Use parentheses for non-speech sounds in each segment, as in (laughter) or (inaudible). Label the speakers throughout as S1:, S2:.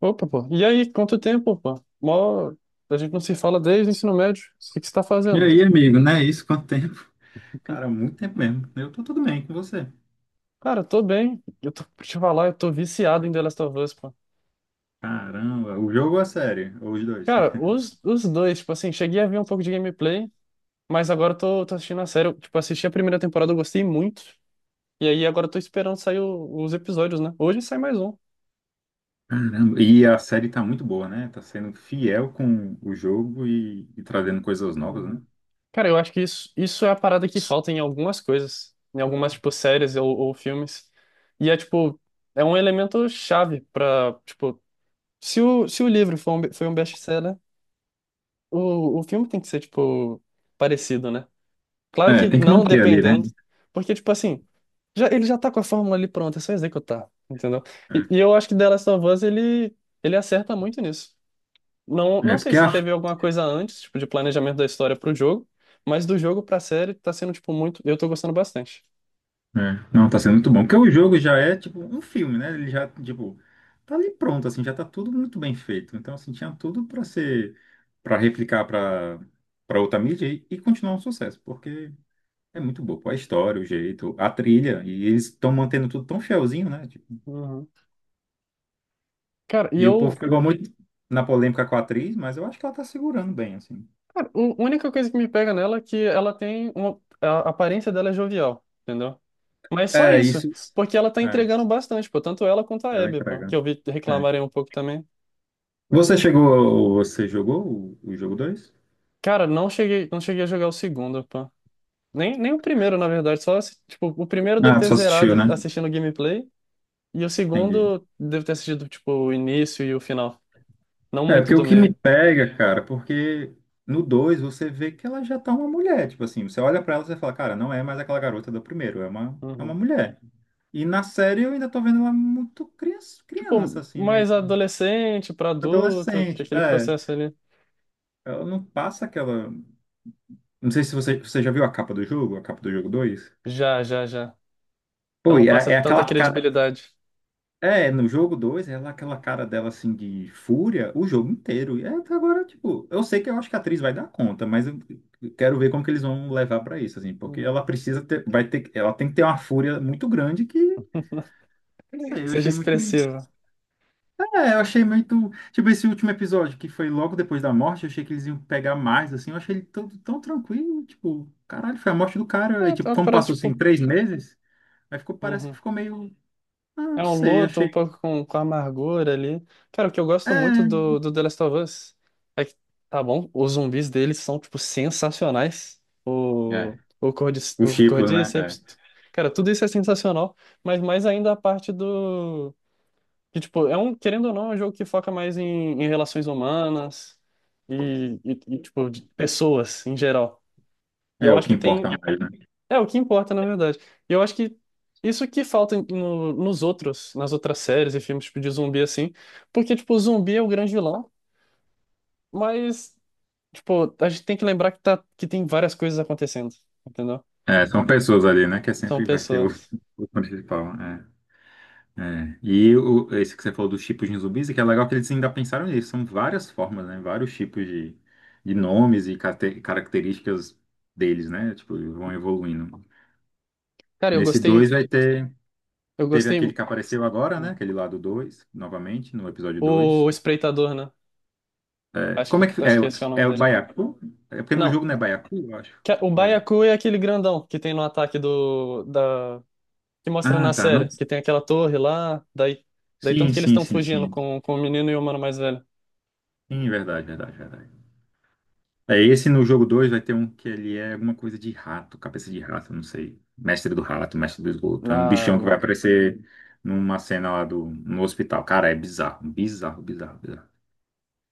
S1: Opa, pô. E aí, quanto tempo, pô? Mó... A gente não se fala desde o ensino médio. O que que você tá
S2: E
S1: fazendo?
S2: aí, amigo, né? Isso, quanto tempo? (laughs) Cara, muito tempo mesmo. Eu tô tudo bem com você.
S1: Cara, eu tô bem. Eu tô, pra te falar, eu tô viciado em The Last of Us, pô.
S2: Caramba, o jogo ou a série? Ou os dois?
S1: Cara, os dois, tipo assim, cheguei a ver um pouco de gameplay, mas agora eu tô assistindo a série. Eu, tipo, assisti a primeira temporada, eu gostei muito. E aí agora eu tô esperando sair os episódios, né? Hoje sai mais um.
S2: (laughs) Caramba, e a série tá muito boa, né? Tá sendo fiel com o jogo e trazendo coisas novas, né?
S1: Uhum. Cara, eu acho que isso é a parada que falta em algumas coisas, em algumas, tipo, séries ou filmes. E é, tipo, é um elemento chave pra, tipo, se o livro foi um best-seller, o filme tem que ser, tipo, parecido, né? Claro
S2: É,
S1: que
S2: tem que
S1: não
S2: manter ali, né?
S1: dependendo, porque, tipo assim, já, ele já tá com a fórmula ali pronta, é só executar, entendeu?
S2: É,
S1: E eu acho que The Last of Us, ele acerta muito nisso. Não,
S2: é
S1: não sei
S2: porque
S1: se
S2: a.
S1: teve alguma coisa antes, tipo, de planejamento da história pro jogo, mas do jogo pra série tá sendo, tipo, muito... Eu tô gostando bastante.
S2: É, não, tá sendo muito bom. Porque o jogo já é, tipo, um filme, né? Ele já, tipo, tá ali pronto, assim, já tá tudo muito bem feito. Então, assim, tinha tudo pra ser. Pra replicar pra outra mídia e continuar um sucesso. Porque. É muito boa, pô, a história, o jeito, a trilha, e eles estão mantendo tudo tão fielzinho, né? Tipo,
S1: Uhum. Cara, e
S2: e o povo
S1: eu...
S2: pegou muito na polêmica com a atriz, mas eu acho que ela tá segurando bem, assim.
S1: Cara, a única coisa que me pega nela é que ela tem uma... A aparência dela é jovial, entendeu? Mas só
S2: É,
S1: isso,
S2: isso.
S1: porque ela tá
S2: É,
S1: entregando bastante, pô, tanto ela quanto a
S2: ela
S1: Abby, pô,
S2: entrega.
S1: que eu vi
S2: É.
S1: reclamarem um pouco também.
S2: Você chegou, você jogou o jogo 2?
S1: Cara, não cheguei a jogar o segundo, pô. Nem o primeiro, na verdade, só, tipo, o primeiro deve
S2: Ah, tu
S1: ter
S2: só assistiu,
S1: zerado
S2: né?
S1: assistindo o gameplay, e o
S2: Entendi.
S1: segundo deve ter assistido, tipo, o início e o final, não
S2: É,
S1: muito
S2: porque o
S1: do
S2: que me
S1: meio.
S2: pega, cara, porque no 2 você vê que ela já tá uma mulher, tipo assim, você olha pra ela e você fala, cara, não é mais aquela garota do primeiro, é uma, é
S1: Uhum.
S2: uma mulher. E na série eu ainda tô vendo ela muito criança, criança
S1: Tipo,
S2: assim, né?
S1: mais adolescente pra adulto, tem
S2: Adolescente,
S1: aquele
S2: é.
S1: processo ali.
S2: Ela não passa aquela. Não sei se você já viu a capa do jogo, a capa do jogo dois.
S1: Já. Ela
S2: Pô,
S1: não
S2: e
S1: passa
S2: é, é
S1: tanta
S2: aquela cara.
S1: credibilidade.
S2: É, no jogo 2, ela é aquela cara dela assim de fúria o jogo inteiro. E é, até agora, tipo, eu sei que eu acho que a atriz vai dar conta, mas eu quero ver como que eles vão levar pra isso, assim, porque
S1: Uhum.
S2: ela precisa ter, vai ter, ela tem que ter uma fúria muito grande que, não
S1: Que
S2: sei, eu
S1: seja
S2: achei muito.
S1: expressiva.
S2: É, eu achei muito. Tipo, esse último episódio, que foi logo depois da morte, eu achei que eles iam pegar mais, assim. Eu achei ele tão, tão tranquilo, tipo, caralho, foi a morte do
S1: É,
S2: cara. E,
S1: é
S2: tipo,
S1: uma
S2: como
S1: parada,
S2: passou assim
S1: tipo...
S2: 3 meses, aí ficou, parece que
S1: Uhum.
S2: ficou meio. Ah,
S1: É
S2: não
S1: um
S2: sei,
S1: luto um
S2: achei.
S1: pouco com amargura ali. Cara, o que eu gosto muito
S2: É,
S1: do, do The Last of Us é que, tá bom, os zumbis deles são, tipo, sensacionais.
S2: é. O
S1: O
S2: Chiplo, né?
S1: Cordyceps. Cara, tudo isso é sensacional, mas mais ainda a parte do. Que, tipo, é um, querendo ou não, é um jogo que foca mais em, em relações humanas e, tipo, de pessoas em geral. E
S2: É.
S1: eu
S2: É o
S1: acho
S2: que
S1: que
S2: importa
S1: tem.
S2: mais, né?
S1: É o que importa, na verdade. E eu acho que isso que falta nos outros, nas outras séries e filmes tipo, de zumbi, assim. Porque, tipo, o zumbi é o grande vilão, mas, tipo, a gente tem que lembrar que, tá, que tem várias coisas acontecendo, entendeu?
S2: É, são pessoas ali, né? Que é
S1: São
S2: sempre vai ser o,
S1: pessoas.
S2: o principal. É. É, e esse que você falou dos tipos de zumbis, é que é legal que eles ainda pensaram nisso. São várias formas, né? Vários tipos de nomes e características deles, né? Tipo, vão evoluindo.
S1: Cara, eu
S2: Nesse
S1: gostei.
S2: 2 vai ter.
S1: Eu
S2: Teve
S1: gostei.
S2: aquele que apareceu agora, né?
S1: Hum.
S2: Aquele lá do 2, novamente, no episódio dois.
S1: O Espreitador, né?
S2: É,
S1: Acho
S2: como é que.
S1: que,
S2: É,
S1: acho que esse que é o
S2: é
S1: nome
S2: o
S1: dele.
S2: Baiacu? É porque no
S1: Não.
S2: jogo não é Baiacu, eu acho.
S1: É, o
S2: Ou é-
S1: Baiacu é aquele grandão que tem no ataque do, da, que mostra
S2: Ah,
S1: na
S2: tá. Não.
S1: série, que tem aquela torre lá, daí, daí
S2: Sim,
S1: tanto que eles
S2: sim,
S1: estão
S2: sim,
S1: fugindo
S2: sim.
S1: com o menino e o mano mais velho.
S2: Sim, verdade, verdade, verdade. É, esse no jogo 2 vai ter um que ele é alguma coisa de rato, cabeça de rato, não sei. Mestre do rato, mestre do esgoto. É um
S1: Na,
S2: bichão que vai
S1: no-
S2: aparecer numa cena lá no hospital. Cara, é bizarro, bizarro, bizarro, bizarro.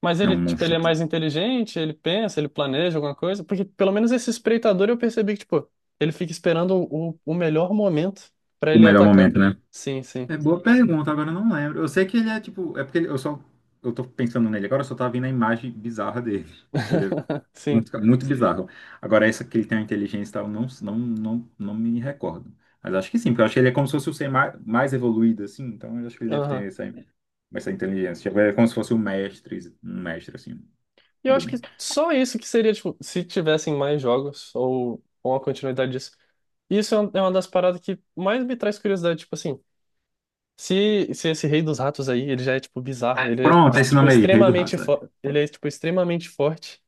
S1: Mas
S2: É
S1: ele,
S2: um
S1: tipo, ele
S2: monstro.
S1: é mais inteligente, ele pensa, ele planeja alguma coisa, porque pelo menos esse espreitador eu percebi que, tipo, ele fica esperando o melhor momento pra
S2: O
S1: ele
S2: melhor
S1: atacar.
S2: momento, né?
S1: Sim, sim.
S2: É boa pergunta, agora eu não lembro. Eu sei que ele é tipo. É porque eu só. Eu tô pensando nele agora, eu só tava vendo a imagem bizarra dele. Que ele é
S1: (laughs) Sim.
S2: muito, muito bizarro. Agora, essa que ele tem uma inteligência e tal, eu não, não me recordo. Mas acho que sim, porque eu acho que ele é como se fosse o ser mais evoluído, assim, então eu acho que ele deve ter
S1: Aham.
S2: essa, inteligência. Tipo, ele é como se fosse um mestre, assim,
S1: E eu
S2: do
S1: acho que
S2: bem.
S1: só isso que seria, tipo, se tivessem mais jogos ou uma continuidade disso. Isso é é uma das paradas que mais me traz curiosidade, tipo assim. Se esse rei dos ratos aí, ele já é tipo bizarro, ele é
S2: Pronto, é esse
S1: tipo
S2: nome aí, Rei do Rato, sabe?
S1: ele é tipo extremamente forte.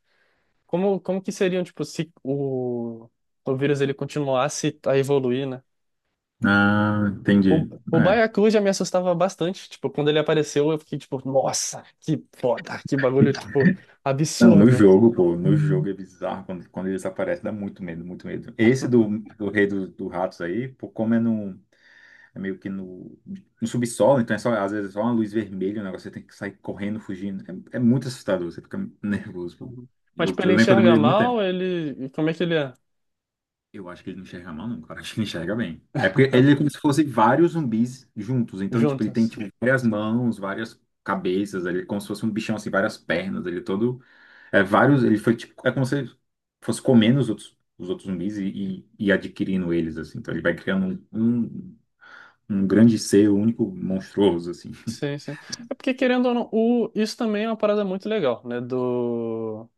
S1: Como como que seriam tipo se o vírus ele continuasse a evoluir, né?
S2: Ah,
S1: O,
S2: entendi.
S1: o
S2: É.
S1: Baiacu já me assustava bastante, tipo, quando ele apareceu, eu fiquei tipo, nossa, que foda, que bagulho tipo
S2: Não, no
S1: absurdo.
S2: jogo, pô, no jogo é bizarro quando eles aparecem, dá muito medo, muito medo. Esse do Rei do Ratos aí, pô, como é no. É meio que no subsolo, então é só, às vezes é só uma luz vermelha, o negócio você tem que sair correndo, fugindo. É muito assustador, você fica nervoso, pô.
S1: Uhum. Mas
S2: Eu,
S1: tipo,
S2: eu
S1: ele
S2: lembro quando eu
S1: enxerga
S2: demorei muito
S1: mal,
S2: tempo.
S1: ele como é que ele é?
S2: Eu acho que ele não enxerga mal, não, cara. (laughs) Acho que ele enxerga bem. É porque ele é como se fosse vários zumbis juntos. Então, tipo, ele tem
S1: Juntas.
S2: tipo, várias mãos, várias cabeças, ele é como se fosse um bichão assim, várias pernas, ele é todo. É vários. Ele foi tipo. É como se ele fosse comendo os outros zumbis e adquirindo eles, assim. Então ele vai criando um grande ser único, monstruoso, assim.
S1: Sim, sim. É porque querendo ou não, o, isso também é uma parada muito legal, né, do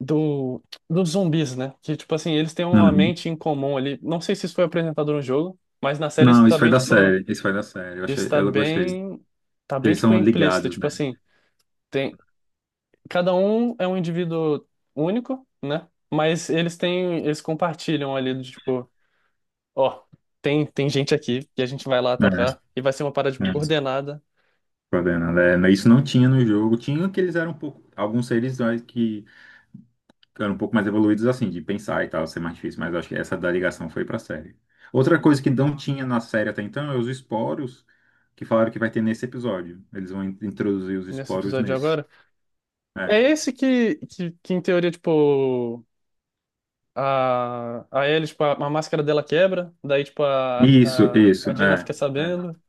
S1: do, dos zumbis, né? Que, tipo assim, eles têm uma
S2: Uhum.
S1: mente em comum ali. Não sei se isso foi apresentado no jogo, mas na série isso
S2: Não,
S1: tá
S2: isso foi
S1: bem,
S2: da
S1: tipo,
S2: série. Isso foi da série. Eu achei,
S1: isso tá
S2: eu gostei.
S1: bem, tá bem,
S2: Eles
S1: tipo,
S2: são
S1: implícito.
S2: ligados,
S1: Tipo
S2: né?
S1: assim, tem, cada um é um indivíduo único, né? Mas eles têm, eles compartilham ali, do tipo, ó, tem, tem gente aqui que a gente vai lá
S2: É,
S1: atacar e vai ser uma parada, tipo,
S2: é.
S1: coordenada.
S2: Coordenando. É, mas isso não tinha no jogo. Tinha que eles eram um pouco. Alguns seres né, que eram um pouco mais evoluídos, assim, de pensar e tal, ser mais difícil. Mas eu acho que essa da ligação foi pra série. Outra
S1: Uhum.
S2: coisa que não tinha na série até então é os esporos que falaram que vai ter nesse episódio. Eles vão introduzir os
S1: Nesse
S2: esporos
S1: episódio de
S2: nesse.
S1: agora. É
S2: É.
S1: esse que, que, em teoria, tipo. A, aí eles, tipo, a máscara dela quebra, daí, tipo,
S2: Isso, isso,
S1: a Dina
S2: é.
S1: fica sabendo.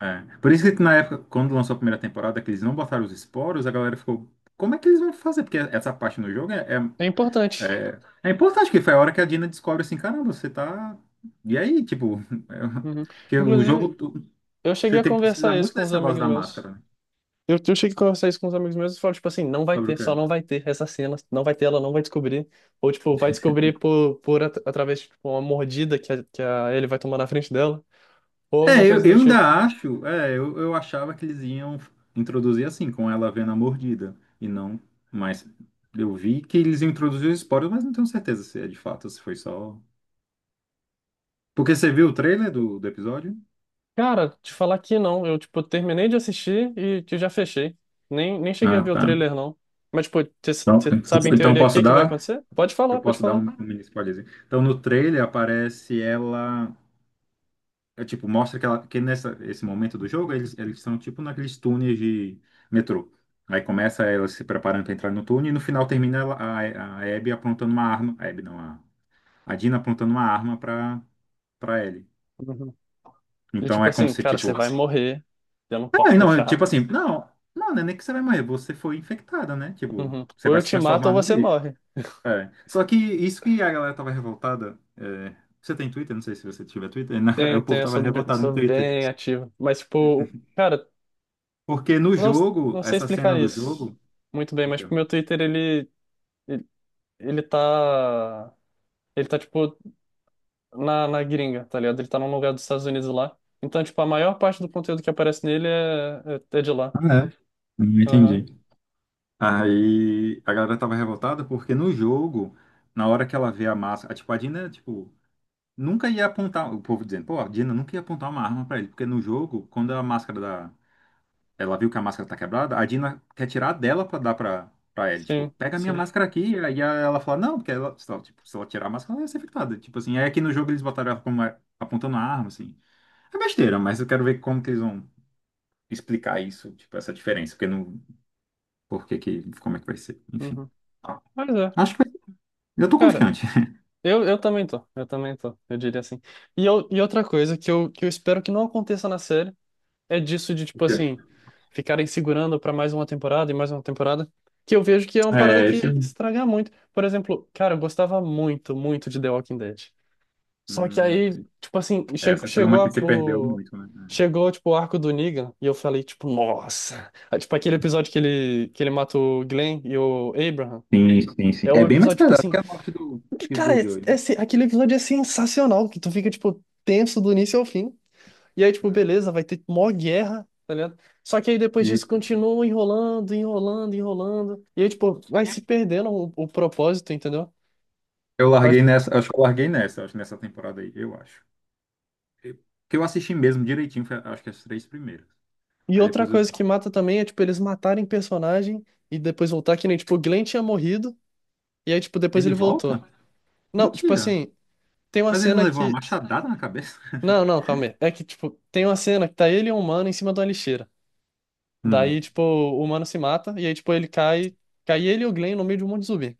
S2: É. Por isso que na época, quando lançou a primeira temporada, que eles não botaram os esporos, a galera ficou, como é que eles vão fazer? Porque essa parte no jogo é,
S1: É
S2: é,
S1: importante.
S2: é, é importante, que foi a hora que a Dina descobre assim, caramba, você tá. E aí, tipo, (laughs)
S1: Uhum.
S2: é, que o
S1: Inclusive,
S2: jogo,
S1: eu
S2: você
S1: cheguei a
S2: tem, precisa
S1: conversar isso
S2: muito
S1: com os
S2: desse negócio
S1: amigos
S2: da
S1: meus.
S2: máscara, né?
S1: Eu cheguei a conversar isso com os amigos meus e falo, tipo assim, não vai
S2: Sobre o
S1: ter,
S2: que
S1: só não
S2: é.
S1: vai ter essa cena, não vai ter, ela não vai descobrir. Ou, tipo, vai descobrir por, através de tipo, uma mordida que a, ele vai tomar na frente dela, ou alguma
S2: É, eu,
S1: coisa do
S2: eu
S1: tipo.
S2: ainda acho, é, eu achava que eles iam introduzir assim, com ela vendo a mordida, e não, mas eu vi que eles iam introduzir os esporos, mas não tenho certeza se é de fato, se foi só. Porque você viu o trailer do episódio?
S1: Cara, te falar que não. Eu, tipo, terminei de assistir e que já fechei. Nem cheguei a
S2: Ah,
S1: ver o
S2: tá.
S1: trailer, não. Mas, tipo, você
S2: Então,
S1: sabe em
S2: então
S1: teoria o que
S2: posso
S1: é que vai
S2: dar,
S1: acontecer? Pode
S2: eu
S1: falar, pode
S2: posso dar um,
S1: falar.
S2: um mini spoilerzinho. Então no trailer aparece ela, é, tipo, mostra que, ela, que nessa esse momento do jogo eles são tipo naqueles túneis de metrô. Aí começa ela se preparando para entrar no túnel e no final termina a Abby apontando uma arma, a Abby não, a Dina apontando uma arma para ele.
S1: Uhum. E
S2: Então
S1: tipo
S2: é como
S1: assim,
S2: se
S1: cara,
S2: tipo,
S1: você vai morrer. Eu não
S2: ah,
S1: posso
S2: não, é tipo
S1: deixar.
S2: assim, não, não, não é nem que você vai morrer, você foi infectada, né? Tipo,
S1: Uhum.
S2: você
S1: Ou
S2: vai
S1: eu
S2: se
S1: te mato ou
S2: transformar num
S1: você
S2: bicho.
S1: morre.
S2: É. Só que isso que a galera tava revoltada. É, você tem Twitter? Não sei se você tiver Twitter. (laughs)
S1: Tenho,
S2: O povo
S1: tenho, eu
S2: tava
S1: sou,
S2: revoltado
S1: sou
S2: no Twitter.
S1: bem ativo. Mas, tipo, cara,
S2: Porque no
S1: não,
S2: jogo,
S1: não sei
S2: essa cena
S1: explicar
S2: do
S1: isso
S2: jogo.
S1: muito bem, mas, tipo, meu Twitter, ele, ele, ele tá. Ele tá, tipo, na, na gringa, tá ligado? Ele tá num lugar dos Estados Unidos lá. Então, tipo, a maior parte do conteúdo que aparece nele é, é de lá.
S2: Ah, é? Não
S1: Aham.
S2: entendi. Aí a galera tava revoltada porque no jogo, na hora que ela vê a máscara. Tipo, a Dina, tipo. Nunca ia apontar. O povo dizendo, pô, a Dina nunca ia apontar uma arma pra ele. Porque no jogo, quando a máscara da. Ela viu que a máscara tá quebrada, a Dina quer tirar a dela pra dar pra ela. Tipo,
S1: Sim,
S2: pega a minha
S1: sim.
S2: máscara aqui. E aí ela fala, não, porque ela, se ela, tipo, se ela tirar a máscara, ela ia ser infectada. Tipo assim, aí aqui no jogo eles botaram ela apontando a arma, assim. É besteira, mas eu quero ver como que eles vão explicar isso, tipo, essa diferença, porque não. Por que que, como é que vai ser? Enfim.
S1: Uhum. Mas é.
S2: Acho que eu tô
S1: Cara,
S2: confiante.
S1: eu também tô, eu também tô, eu diria assim. E, eu, e outra coisa que eu espero que não aconteça na série é disso de, tipo assim,
S2: (laughs)
S1: ficarem segurando pra mais uma temporada e mais uma temporada, que eu vejo que é uma parada
S2: É,
S1: que
S2: esse.
S1: estraga muito. Por exemplo, cara, eu gostava muito, muito de The Walking Dead. Só que
S2: Hum,
S1: aí, tipo assim,
S2: essa foi
S1: chegou
S2: uma que você perdeu
S1: o...
S2: muito, né?
S1: Chegou, tipo, o arco do Negan e eu falei, tipo, nossa! Ah, tipo, aquele episódio que ele mata o Glenn e o Abraham.
S2: Sim, sim, sim.
S1: É
S2: É
S1: o
S2: bem mais
S1: episódio, tipo
S2: pesado
S1: assim,
S2: que a morte
S1: que,
S2: que do
S1: cara, é,
S2: Joey,
S1: é
S2: né?
S1: aquele episódio é sensacional, que tu fica, tipo, tenso do início ao fim. E aí, tipo,
S2: É.
S1: beleza, vai ter mó guerra, tá ligado? Só que aí depois disso
S2: E,
S1: continua enrolando, enrolando, enrolando. E aí, tipo, vai se perdendo o propósito, entendeu?
S2: eu
S1: Vai...
S2: larguei nessa, acho que eu larguei nessa, acho que nessa temporada aí, eu acho. Eu- Que eu assisti mesmo direitinho, foi, acho que as três primeiras.
S1: E
S2: Aí
S1: outra
S2: depois eu.
S1: coisa que mata também é, tipo, eles matarem personagem e depois voltar, que nem, tipo, o Glenn tinha morrido, e aí, tipo, depois
S2: Ele
S1: ele
S2: volta?
S1: voltou. Não, tipo
S2: Mentira.
S1: assim, tem uma
S2: Mas ele não
S1: cena
S2: levou uma
S1: que.
S2: machadada na cabeça? (laughs)
S1: Não, não, calma aí. É que, tipo, tem uma cena que tá ele e um humano em cima de uma lixeira. Daí,
S2: Hum.
S1: tipo, o mano se mata, e aí, tipo, ele cai. Cai ele e o Glenn no meio de um monte de zumbi.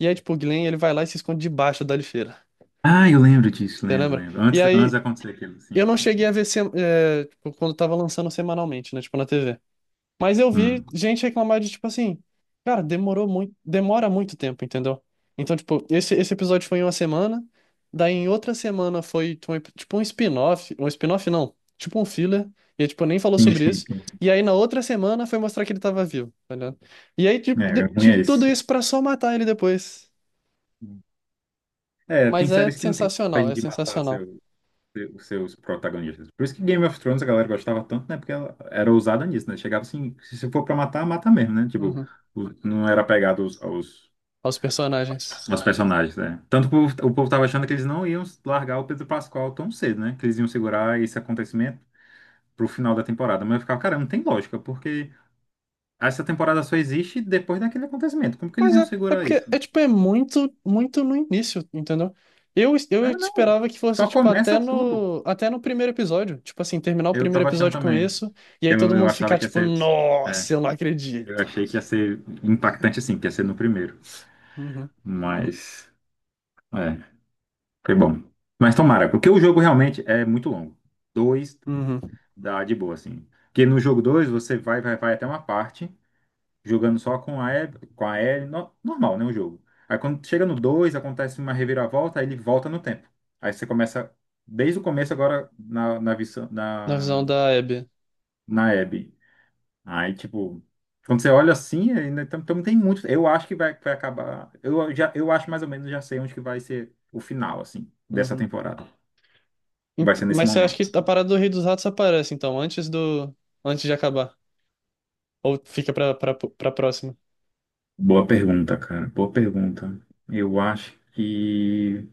S1: E aí, tipo, o Glenn, ele vai lá e se esconde debaixo da lixeira.
S2: Ah, eu lembro disso,
S1: Você
S2: lembro,
S1: lembra?
S2: lembro.
S1: E
S2: Antes, antes de
S1: aí,
S2: acontecer aquilo.
S1: eu
S2: Sim,
S1: não
S2: sim, sim.
S1: cheguei a
S2: Sim.
S1: ver, é, tipo, quando tava lançando semanalmente, né? Tipo, na TV. Mas eu vi
S2: Hum.
S1: gente reclamar de, tipo assim, cara, demorou muito, demora muito tempo, entendeu? Então, tipo, esse episódio foi em uma semana, daí em outra semana foi, tipo, tipo, um spin-off não, tipo um filler, e, tipo, nem falou
S2: Sim,
S1: sobre
S2: sim,
S1: isso,
S2: sim.
S1: e aí na outra semana foi mostrar que ele tava vivo, tá ligado? E aí, tipo,
S2: É, ruim é
S1: tipo, tudo
S2: esse.
S1: isso pra só matar ele depois.
S2: É, tem
S1: Mas é
S2: séries que não tem
S1: sensacional,
S2: coragem
S1: é
S2: de matar
S1: sensacional.
S2: os seus protagonistas. Por isso que Game of Thrones a galera gostava tanto, né? Porque ela era ousada nisso, né? Chegava assim, se for pra matar, mata mesmo, né? Tipo,
S1: Uhum.
S2: não era pegado aos, aos,
S1: Aos personagens.
S2: aos personagens, né? Tanto que o povo tava achando que eles não iam largar o Pedro Pascal tão cedo, né? Que eles iam segurar esse acontecimento pro final da temporada. Mas eu ficava, cara, não tem lógica, porque essa temporada só existe depois daquele acontecimento. Como que eles
S1: Mas
S2: iam
S1: é, é
S2: segurar
S1: porque
S2: isso?
S1: é tipo, é muito, muito no início, entendeu? Eu
S2: É, não.
S1: esperava que fosse,
S2: Só
S1: tipo,
S2: começa tudo.
S1: até no primeiro episódio. Tipo assim, terminar o
S2: Eu
S1: primeiro
S2: tava achando
S1: episódio com
S2: também.
S1: isso, e aí
S2: Eu,
S1: todo
S2: eu
S1: mundo
S2: achava
S1: ficar,
S2: que ia
S1: tipo,
S2: ser. É.
S1: nossa, eu não
S2: Eu
S1: acredito.
S2: achei que ia ser impactante assim, que ia ser no primeiro.
S1: Uhum,
S2: Mas, é, foi bom. Mas tomara, porque o jogo realmente é muito longo. Dois
S1: uhum.
S2: dá de boa, assim. Porque no jogo 2 você vai até uma parte, jogando só com a E, com a L, normal, né, o jogo. Aí quando chega no 2 acontece uma reviravolta, aí ele volta no tempo. Aí você começa desde o começo agora na, na, visão-
S1: Na visão
S2: na,
S1: da Abby.
S2: na Abby. Aí, tipo, quando você olha assim, ainda então tem muito. Eu acho que vai acabar. Eu acho mais ou menos já sei onde que vai ser o final, assim, dessa
S1: Uhum.
S2: temporada. Que vai ser nesse
S1: Mas você acha
S2: momento.
S1: que a parada do Rei dos Ratos aparece, então, antes do. Antes de acabar? Ou fica pra, pra próxima?
S2: Boa pergunta, cara. Boa pergunta. Eu acho que.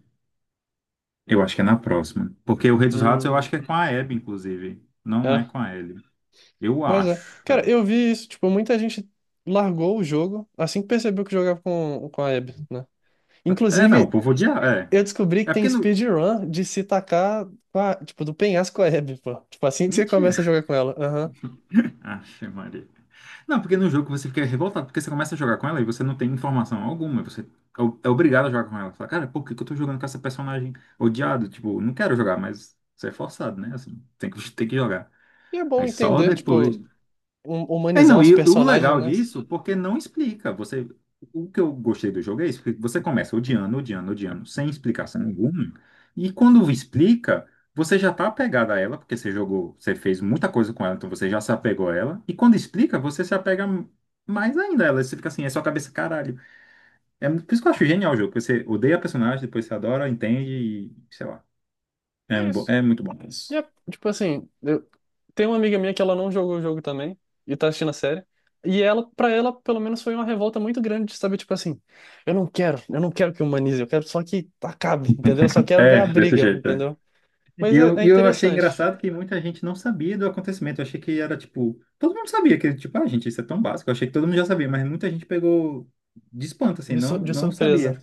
S2: Eu acho que é na próxima. Porque o Rei dos Ratos eu acho
S1: Hum.
S2: que é com a Abby, inclusive. Não é
S1: É?
S2: com a Ellie. Eu
S1: Mas é.
S2: acho,
S1: Cara,
S2: velho.
S1: eu vi isso, tipo, muita gente largou o jogo assim que percebeu que jogava com a Abby, né?
S2: É, não, o
S1: Inclusive,
S2: povo odiar. É.
S1: eu descobri que
S2: É
S1: tem
S2: porque não.
S1: speedrun de se tacar, com tipo, do penhasco com a Abby, pô. Tipo, assim que você
S2: Mentira.
S1: começa a jogar com ela. Aham.
S2: (laughs) Ache, Maria. Não, porque no jogo você fica revoltado, porque você começa a jogar com ela e você não tem informação alguma, você é obrigado a jogar com ela. Você fala, cara, por que que eu tô jogando com essa personagem odiado? Tipo, não quero jogar, mas você é forçado, né? Assim, (laughs) tem que jogar.
S1: E é bom
S2: Mas só
S1: entender,
S2: depois.
S1: tipo,
S2: É,
S1: humanizar
S2: não,
S1: os
S2: e o
S1: personagens,
S2: legal
S1: né?
S2: disso, porque não explica. Você, o que eu gostei do jogo é isso, que você começa odiando, sem explicação nenhuma, e quando explica, você já tá apegado a ela, porque você jogou, você fez muita coisa com ela, então você já se apegou a ela, e quando explica, você se apega mais ainda a ela, você fica assim, é sua cabeça, caralho. Por isso que eu acho genial o jogo, porque você odeia a personagem, depois você adora, entende, e sei lá. É,
S1: É isso.
S2: é muito bom
S1: E
S2: isso.
S1: é, tipo assim, tem uma amiga minha que ela não jogou o jogo também e tá assistindo a série. E ela, para ela, pelo menos foi uma revolta muito grande de saber, tipo assim, eu não quero que humanize, eu quero só que acabe, entendeu? Eu só quero ver a
S2: É, desse
S1: briga,
S2: jeito.
S1: entendeu? Mas é, é
S2: E eu achei
S1: interessante,
S2: engraçado que muita gente não sabia do acontecimento. Eu achei que era tipo. Todo mundo sabia que, tipo, ah, gente, isso é tão básico. Eu achei que todo mundo já sabia, mas muita gente pegou de espanto, assim,
S1: de,
S2: não,
S1: de
S2: não sabia.
S1: surpresa.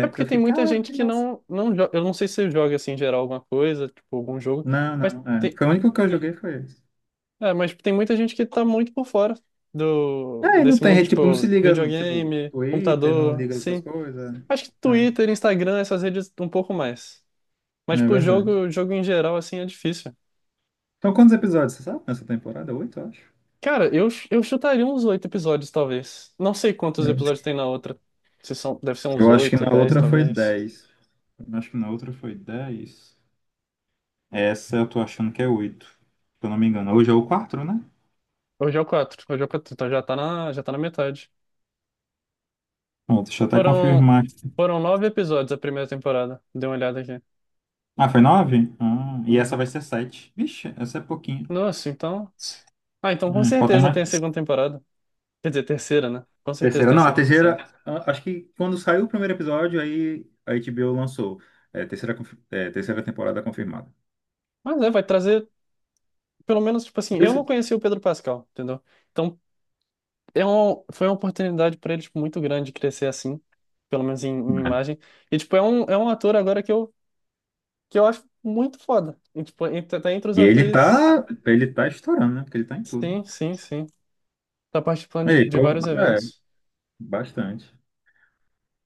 S1: É porque
S2: eu
S1: tem
S2: fiquei,
S1: muita
S2: caraca,
S1: gente
S2: que
S1: que
S2: massa.
S1: não, não joga, eu não sei se você joga, assim, em geral, alguma coisa, tipo, algum jogo,
S2: Não,
S1: mas
S2: não, é.
S1: tem,
S2: Foi o único que eu joguei foi esse.
S1: é, mas tem muita gente que tá muito por fora do,
S2: É, e
S1: desse mundo,
S2: tipo, não se
S1: tipo,
S2: liga, no, tipo,
S1: videogame,
S2: Twitter, não
S1: computador,
S2: liga essas
S1: sim.
S2: coisas.
S1: Acho que
S2: É,
S1: Twitter, Instagram, essas redes um pouco mais. Mas,
S2: é
S1: tipo,
S2: verdade.
S1: jogo, jogo em geral, assim, é difícil.
S2: Então, quantos episódios, você sabe, nessa temporada? 8, eu acho.
S1: Cara, eu chutaria uns 8 episódios, talvez. Não sei quantos
S2: Eu,
S1: episódios tem na outra. Se são, deve ser uns
S2: eu acho que
S1: oito,
S2: na
S1: dez,
S2: outra foi
S1: talvez.
S2: 10. Eu acho que na outra foi dez. Essa eu tô achando que é 8, se eu não me engano. Hoje é o 4, né?
S1: Hoje é o quatro. Hoje é o quatro. Então já tá na metade.
S2: Pronto, deixa eu até
S1: Foram,
S2: confirmar.
S1: foram 9 episódios a primeira temporada. Dê uma olhada aqui.
S2: Ah, foi 9. Ah, e essa
S1: Uhum.
S2: vai ser 7. Vixe, essa é pouquinho.
S1: Nossa, então. Ah, então com
S2: Falta
S1: certeza tem a
S2: mais.
S1: segunda temporada. Quer dizer, terceira, né? Com certeza
S2: Terceira.
S1: tem
S2: Não, a
S1: a
S2: terceira.
S1: terceira.
S2: Acho que quando saiu o primeiro episódio, aí a HBO lançou. É, terceira, terceira temporada confirmada.
S1: Mas é, vai trazer, pelo menos, tipo assim,
S2: Por
S1: eu
S2: isso-
S1: não conheci o Pedro Pascal, entendeu? Então, é um, foi uma oportunidade para ele, tipo, muito grande crescer assim, pelo menos em, em
S2: É.
S1: imagem. E, tipo, é um ator agora que eu acho muito foda. E, tipo, tá entre os atores.
S2: Ele tá estourando, né? Porque ele tá em tudo.
S1: Sim, sim, sim. Tá participando
S2: Ei,
S1: de
S2: pô,
S1: vários
S2: é,
S1: eventos.
S2: bastante.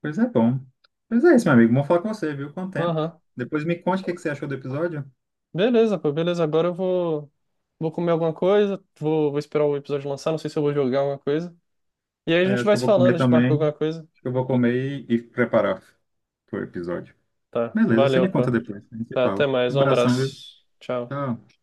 S2: Pois é bom. Pois é isso, meu amigo. Vamos falar com você, viu? Quanto tempo?
S1: Aham.
S2: Depois me conte o que que você achou do episódio.
S1: Beleza, pô, beleza. Agora eu vou, vou comer alguma coisa, vou, vou esperar o episódio lançar, não sei se eu vou jogar alguma coisa. E aí a
S2: É,
S1: gente
S2: acho
S1: vai
S2: que eu
S1: se
S2: vou
S1: falando,
S2: comer
S1: a gente marca
S2: também.
S1: alguma coisa.
S2: Acho que eu vou comer e preparar pro episódio.
S1: Tá,
S2: Beleza, você
S1: valeu,
S2: me conta
S1: pô.
S2: depois. A gente se
S1: Tá, até
S2: fala.
S1: mais,
S2: Um
S1: um
S2: abração, viu?
S1: abraço. Tchau.
S2: Tchau.